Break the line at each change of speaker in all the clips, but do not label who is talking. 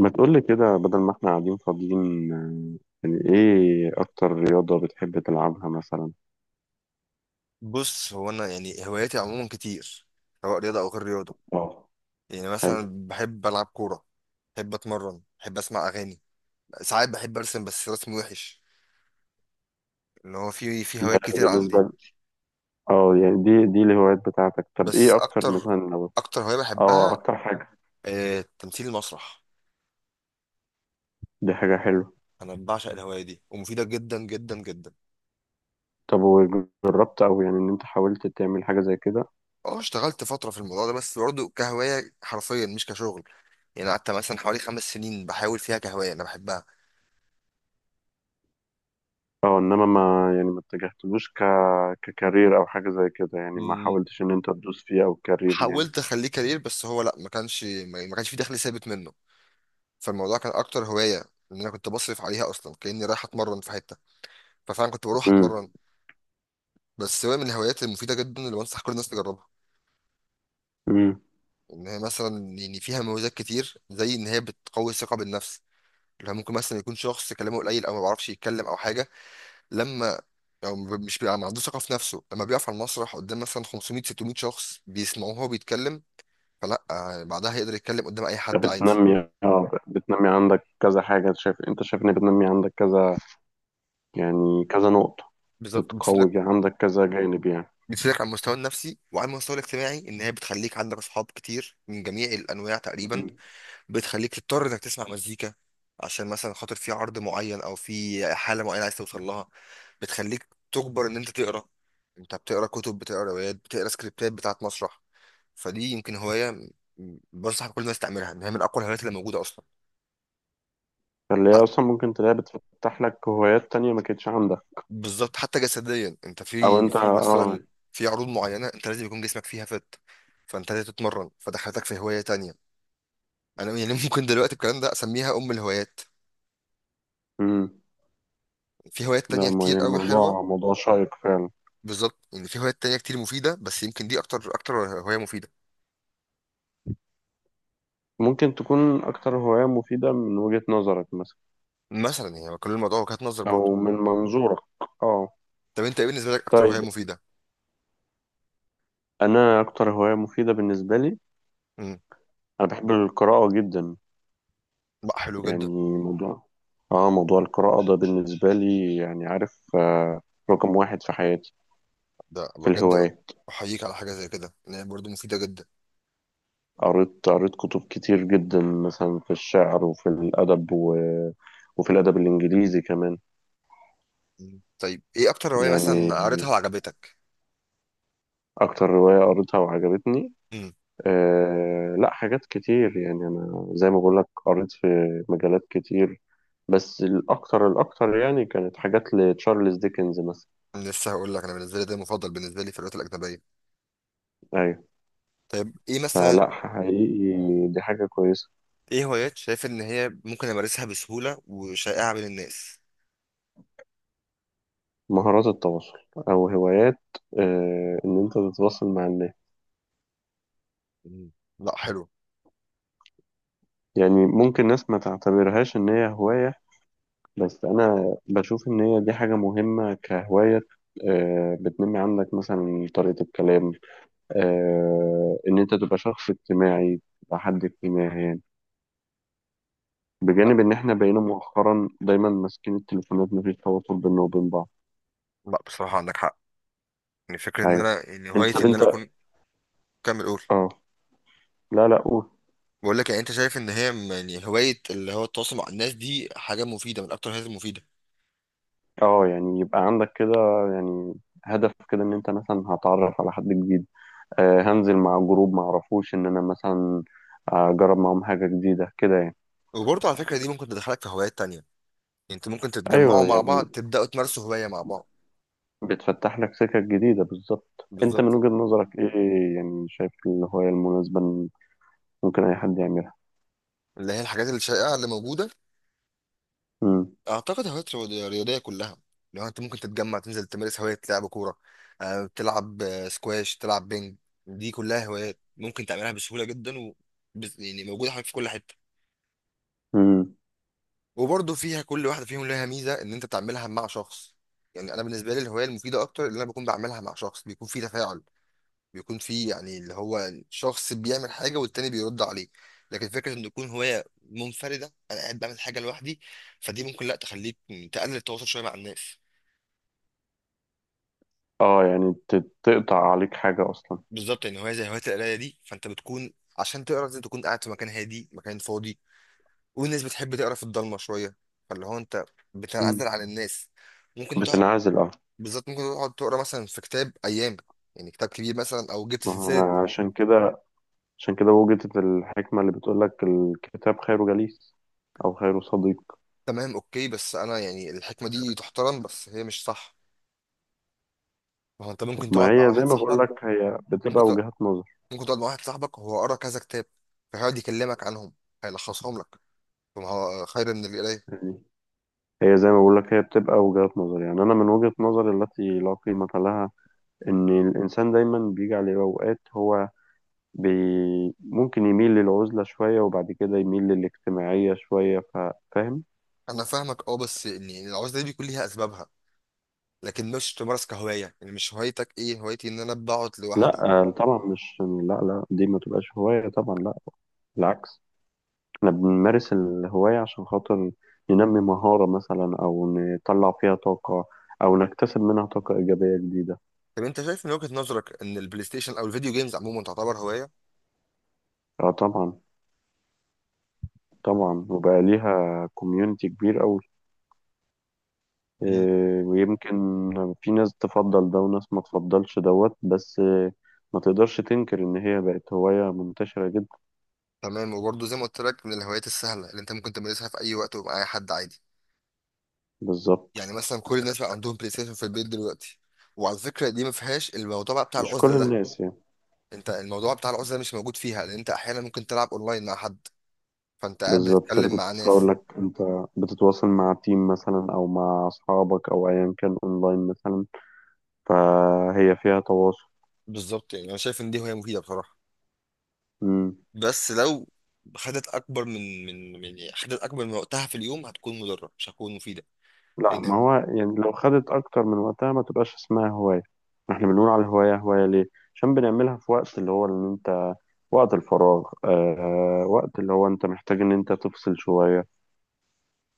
ما تقولي كده بدل ما احنا قاعدين فاضيين آه، يعني ايه اكتر رياضة بتحب تلعبها مثلا؟
بص، هو انا يعني هواياتي عموما كتير، سواء رياضه او غير رياضه.
اه.
يعني
حلو.
مثلا بحب العب كوره، بحب اتمرن، بحب اسمع اغاني، ساعات بحب ارسم بس رسم وحش. اللي هو في هوايات
ده
كتير
بالنسبة
عندي.
ل- اه، يعني دي الهوايات بتاعتك، طب
بس
ايه اكتر
اكتر
مثلا لو...
اكتر هوايه
اه،
بحبها،
اكتر حاجة.
آه، تمثيل المسرح.
دي حاجة حلوة.
انا بعشق الهوايه دي، ومفيده جدا جدا جدا.
طب وجربت او يعني ان انت حاولت تعمل حاجة زي كده؟
اه، اشتغلت فتره في الموضوع ده بس برضه كهوايه حرفيا، مش كشغل. يعني قعدت مثلا حوالي 5 سنين بحاول فيها كهوايه انا بحبها.
اه، انما ما اتجهتلوش ككارير او حاجة زي كده، يعني ما حاولتش ان انت تدوس فيه او كارير يعني.
حاولت اخليه كارير، بس هو لا، ما كانش في دخل ثابت منه. فالموضوع كان اكتر هوايه، ان انا كنت بصرف عليها اصلا كاني رايح اتمرن في حته، ففعلا كنت بروح
امم.
اتمرن. بس هو من الهوايات المفيده جدا اللي بنصح كل الناس تجربها.
امم.
ان هي مثلا يعني فيها مميزات كتير، زي ان هي بتقوي الثقه بالنفس. اللي هو ممكن مثلا يكون شخص كلامه قليل، او ما بيعرفش يتكلم، او حاجه، لما، او مش بيبقى ما عندوش ثقه في نفسه، لما بيقف على المسرح قدام مثلا 500 600 شخص بيسمعوه وهو بيتكلم، فلا، آه، بعدها يقدر يتكلم قدام اي حد عادي.
بتنمي عندك كذا حاجة، انت شايف ان بتنمي عندك كذا، يعني كذا نقطة.
بالظبط، بتفيد.
عندك كذا جانب يعني.
بتفيدك على المستوى النفسي وعلى المستوى الاجتماعي، ان هي بتخليك عندك اصحاب كتير من جميع الانواع تقريبا.
مم.
بتخليك تضطر انك تسمع مزيكا، عشان مثلا خاطر في عرض معين او في حاله معينه عايز توصل لها. بتخليك تجبر ان انت تقرا، انت بتقرا كتب، بتقرا روايات، بتقرا سكريبتات بتاعت مسرح. فدي يمكن هوايه، بنصح كل الناس تعملها، ان هي من اقوى الهوايات اللي موجوده اصلا.
فاللي
ح-
هي أصلا ممكن تلاقيها بتفتح لك هوايات تانية ما كانتش عندك.
بالظبط، حتى جسديا انت
أو
في
أنت
في
آه.
مثلا في عروض معينه انت لازم يكون جسمك فيها فانت لازم تتمرن، فدخلتك في هوايه تانية. انا يعني ممكن دلوقتي الكلام ده اسميها ام الهوايات.
مم.
في هوايات
ده
تانية
ما-
كتير
يعني
قوي حلوه.
موضوع شيق فعلا.
بالظبط، يعني في هوايات تانية كتير مفيده، بس يمكن دي اكتر هوايه مفيده.
ممكن تكون أكتر هواية مفيدة من وجهة نظرك مثلا؟
مثلا يعني كل الموضوع وجهات نظر برضه.
أو من منظورك؟ آه.
طب انت ايه بالنسبه لك اكتر هوايه
طيب،
مفيده؟
أنا أكتر هواية مفيدة بالنسبة لي،
امم.
أنا بحب القراءة جدا.
بقى حلو جدا.
يعني موضوع... آه، موضوع القراءة ده بالنسبة لي يعني عارف آه، رقم واحد في حياتي
ده
في
بجد،
الهواية.
احييك على حاجه زي كده، ان هي برضه مفيده جدا.
قريت كتب كتير جدا مثلا في الشعر وفي الأدب و... وفي الأدب الإنجليزي كمان.
مم. طيب، ايه اكتر
مم.
هوايه
يعني
مثلا قريتها وعجبتك؟
أكتر رواية قريتها وعجبتني،
امم.
أه لا حاجات كتير، يعني أنا زي ما بقولك قريت في مجالات كتير، بس الأكتر الأكتر يعني كانت حاجات لتشارلز ديكنز مثلا.
لسه هقول لك، انا بالنسبه لي ده المفضل بالنسبه لي في الهوايات الاجنبيه.
أيوة.
طيب ايه مثلا؟
فلا حقيقي دي حاجة كويسة.
ايه هوايات شايف ان هي ممكن امارسها بسهوله وشائعه بين الناس؟
مهارات التواصل، أو هوايات، أه إن أنت تتواصل مع الناس.
مم. لا، حلو.
يعني ممكن ناس ما تعتبرهاش إن هي هواية، بس أنا بشوف إن هي دي حاجة مهمة كهواية. آه، بتنمي عندك مثلا طريقة الكلام، آه، إن أنت تبقى شخص اجتماعي، تبقى حد اجتماعي يعني،
لا،
بجانب إن إحنا بقينا مؤخرا دايما ماسكين التليفونات مفيش تواصل بيننا وبين بعض.
لا، بصراحة عندك حق. يعني فكرة ان
أيوه.
انا يعني
أنت
هوايتي
طب
ان
أنت...
انا اكون... كمل قول.
أه لا لا قول.
بقول لك، يعني انت شايف ان هي يعني هواية اللي هو التواصل مع الناس، دي حاجة مفيدة من اكتر الحاجات المفيدة.
أه، يعني يبقى عندك كده يعني هدف كده إن أنت مثلا هتعرف على حد جديد، آه، هنزل مع جروب معرفوش، إن أنا مثلا أجرب معاهم حاجة جديدة كده يعني.
وبرضه على فكرة دي ممكن تدخلك في هوايات تانية، يعني انتوا ممكن تتجمعوا
ايوه
مع
يعني،
بعض تبدأوا تمارسوا هواية مع بعض.
بتفتح لك سكك جديدة. بالظبط، انت من
بالظبط،
وجهة نظرك ايه، يعني شايف الهواية المناسبة إن ممكن اي حد يعملها؟
اللي هي الحاجات الشائعة اللي موجودة.
امم.
اعتقد هوايات رياضية كلها، لو انت ممكن تتجمع تنزل تمارس هواية لعب كورة، آه، تلعب آه، سكواش، تلعب بينج. دي كلها هوايات ممكن تعملها بسهولة جدا، و يعني موجودة حواليك في كل حتة.
امم.
وبرضه فيها كل واحده فيهم لها ميزه ان انت تعملها مع شخص. يعني انا بالنسبه لي الهوايه المفيده اكتر اللي انا بكون بعملها مع شخص، بيكون في تفاعل، بيكون في يعني اللي هو شخص بيعمل حاجه والتاني بيرد عليه. لكن فكره ان تكون هوايه منفرده، انا قاعد بعمل حاجه لوحدي، فدي ممكن لا تخليك تقلل التواصل شويه مع الناس.
اه، يعني تقطع عليك حاجة اصلا.
بالظبط، يعني هوايه زي هوايه القرايه دي، فانت بتكون، عشان تقرا لازم تكون قاعد في مكان هادي، مكان فاضي، والناس بتحب تقرا في الضلمه شويه، فاللي هو انت
مم.
بتنعزل عن الناس. ممكن تقعد.
بتنعزل اه.
بالظبط، ممكن تقعد تقرا مثلا في كتاب ايام، يعني كتاب كبير مثلا، او جبت
آه،
سلسله.
عشان كده، عشان كده وجدت الحكمة اللي بتقول لك الكتاب خير جليس او خير صديق.
تمام، اوكي، بس انا يعني الحكمه دي تحترم، بس هي مش صح. ما هو انت ممكن
ما
تقعد مع
هي زي
واحد
ما بقول
صاحبك.
لك هي
ممكن
بتبقى
تق...
وجهات نظر
ممكن تقعد مع واحد صاحبك وهو قرا كذا كتاب، فهيقعد يكلمك عنهم، هيلخصهم لك، فما هو خير من القرايه.
يعني. هي زي ما بقول لك هي بتبقى وجهات نظر، يعني انا من وجهة نظري التي لا قيمة لها، ان الانسان دايما بيجي عليه اوقات هو بي ممكن يميل للعزلة شوية وبعد كده يميل للاجتماعية شوية ف... فاهم؟
انا فاهمك، اه، بس ان يعني العزله دي بيكون ليها اسبابها، لكن مش تمارس كهوايه. يعني مش هوايتك ايه؟ هوايتي ان انا بقعد
لا
لوحدي.
آه، طبعا مش، لا لا دي ما تبقاش هواية طبعا، لا بالعكس، احنا بنمارس الهواية عشان خاطر ننمي مهارة مثلا أو نطلع فيها طاقة أو نكتسب منها طاقة إيجابية جديدة.
طب انت شايف من وجهه نظرك ان البلاي ستيشن او الفيديو جيمز عموما تعتبر هوايه؟
اه طبعا. طبعا، وبقى ليها كوميونتي كبير أوي، إيه، ويمكن في ناس تفضل ده وناس ما تفضلش دوت، بس آه، ما تقدرش تنكر إن هي بقت هواية منتشرة جدا.
تمام، وبرضه زي ما قلت لك، من الهوايات السهله اللي انت ممكن تمارسها في اي وقت ومع اي حد عادي.
بالظبط.
يعني مثلا كل الناس بقى عندهم بلاي ستيشن في البيت دلوقتي. وعلى فكره دي ما فيهاش الموضوع بقى بتاع
مش
العزله
كل
ده.
الناس يعني.
انت الموضوع بتاع العزله مش موجود فيها، لان انت احيانا ممكن تلعب اونلاين مع حد، فانت قاعد
بالظبط اللي
بتتكلم
كنت
مع
لسه هقول
ناس.
لك، انت بتتواصل مع تيم مثلا او مع اصحابك او ايا كان اونلاين مثلا، فهي فيها تواصل.
بالظبط، يعني انا شايف ان دي هوايه مفيده بصراحه.
مم.
بس لو خدت اكبر من يعني خدت اكبر من وقتها في اليوم، هتكون مضره مش هتكون مفيده.
لا، ما
لان...
هو يعني لو خدت اكتر من وقتها ما تبقاش اسمها هواية. احنا بنقول على الهواية هواية ليه؟ عشان بنعملها في وقت اللي هو ان انت وقت الفراغ، آه وقت اللي هو انت محتاج ان انت تفصل شوية،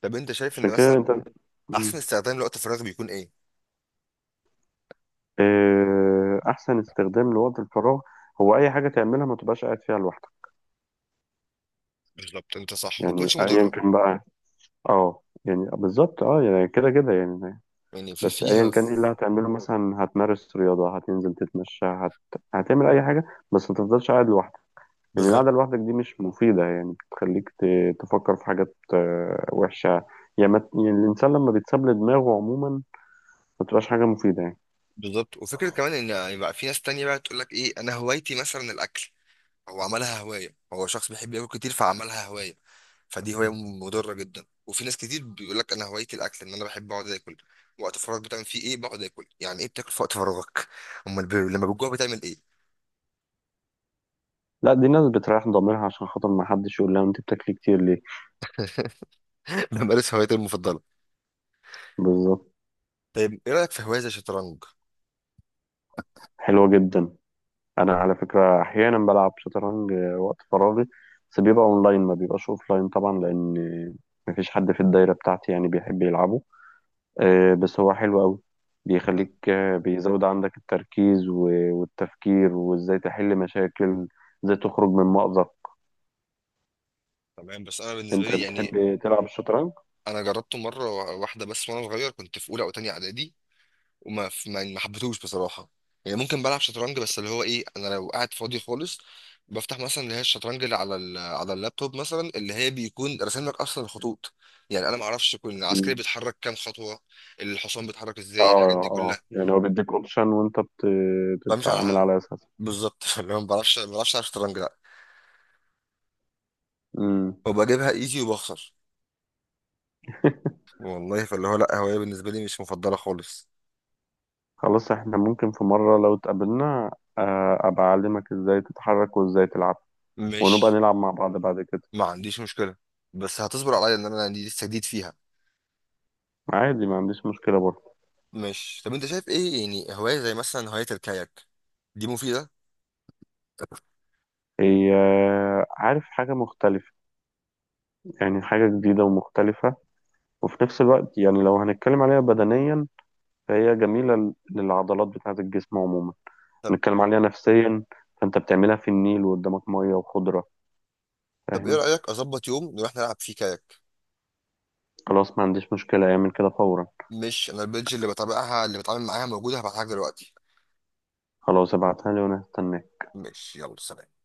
طب انت شايف
عشان
ان
كده
مثلا
انت...
احسن
مم.
استخدام لوقت الفراغ بيكون ايه؟
آه، احسن استخدام لوقت الفراغ هو اي حاجة تعملها ما تبقاش قاعد فيها لوحدك.
بالظبط، انت صح، ما
يعني
تكونش
ايا
مضره.
كان بقى. اه يعني بالظبط، اه يعني كده كده يعني.
يعني في
بس ايا
فيها.
كان ايه اللي هتعمله، مثلا هتمارس رياضة، هتنزل تتمشى، هت... هتعمل اي حاجة، بس ما تفضلش قاعد لوحدك، لان القعدة
بالظبط.
لوحدك دي مش مفيدة، يعني بتخليك ت... تفكر في حاجات آه، وحشة. يعني، ما... يعني الانسان لما بيتساب لدماغه عموما ما بتبقاش حاجة مفيدة يعني.
بالظبط، وفكرة كمان ان يعني بقى في ناس تانية بقى تقول لك ايه؟ انا هوايتي مثلا الاكل. هو عملها هواية، هو شخص بيحب ياكل كتير فعملها هواية. فدي هواية مضرة جدا. وفي ناس كتير بيقول لك انا هوايتي الاكل، ان انا بحب اقعد اكل. وقت فراغ بتعمل فيه ايه؟ بقعد اكل. يعني ايه بتاكل في وقت فراغك؟ امال لما بتجوع بتعمل ايه؟
لا، دي ناس بتريح ضميرها عشان خاطر ما حدش يقول لها انت بتاكلي كتير ليه.
انا مارس هوايتي المفضلة.
بالظبط.
طيب ايه رأيك في هواية زي الشطرنج؟
حلوة جدا. انا على فكره احيانا بلعب شطرنج آه، وقت فراغي، بس بيبقى اونلاين ما بيبقاش اوفلاين طبعا، لان مفيش حد في الدايره بتاعتي يعني بيحب يلعبه. آه، بس هو حلو قوي،
لا،
بيخليك آه، بيزود عندك التركيز والتفكير وازاي تحل مشاكل، ازاي تخرج من مأزق.
تمام، بس انا بالنسبة
انت
لي يعني
بتحب تلعب الشطرنج؟
انا جربته مرة واحدة بس وانا صغير، كنت في اولى او تانية اعدادي، وما ف- ما ما حبيتهوش بصراحه. يعني ممكن بلعب شطرنج بس اللي هو ايه؟ انا لو قاعد فاضي خالص، بفتح مثلا اللي هي الشطرنج اللي على اللابتوب مثلا، اللي هي بيكون راسم لك اصلا الخطوط. يعني انا ما اعرفش كل عسكري
مم.
بيتحرك كام خطوه، الحصان بيتحرك
اه.
ازاي، الحاجات دي
اه
كلها.
يعني هو بيديك اوبشن وانت
بمشي
بتتعامل
على...
على اساسه.
بالظبط اللي هو ما بعرفش العب شطرنج لا،
مم.
وبجيبها ايزي وبخسر. والله، فاللي هو لا، هوايه بالنسبه لي مش مفضله خالص.
خلاص، احنا ممكن في مرة لو اتقابلنا آه، ابقى اعلمك ازاي تتحرك وازاي تلعب، ونبقى
مش
نلعب مع بعض بعد كده.
ما عنديش مشكله، بس هتصبر عليا ان انا دي لسه جديد فيها.
عادي ما عنديش مشكلة برضه.
مش طب انت شايف ايه يعني هواية زي مثلا هواية الكاياك دي مفيدة؟
هي آه، عارف، حاجة مختلفة، يعني حاجة جديدة ومختلفة، وفي نفس الوقت يعني لو هنتكلم عليها بدنيا فهي جميلة للعضلات بتاعة الجسم عموما.
طب
نتكلم عليها نفسيا، فانت بتعملها في النيل وقدامك مية وخضرة،
ايه
فاهم؟
رأيك اظبط يوم نروح نلعب فيه كاياك؟
خلاص ما عنديش مشكلة، اعمل كده فورا.
مش انا البيدج اللي بتابعها اللي بتعامل معاها موجودة، هبعتها لك دلوقتي.
خلاص، ابعتها لي وانا هستناك.
مش يلا، سلام.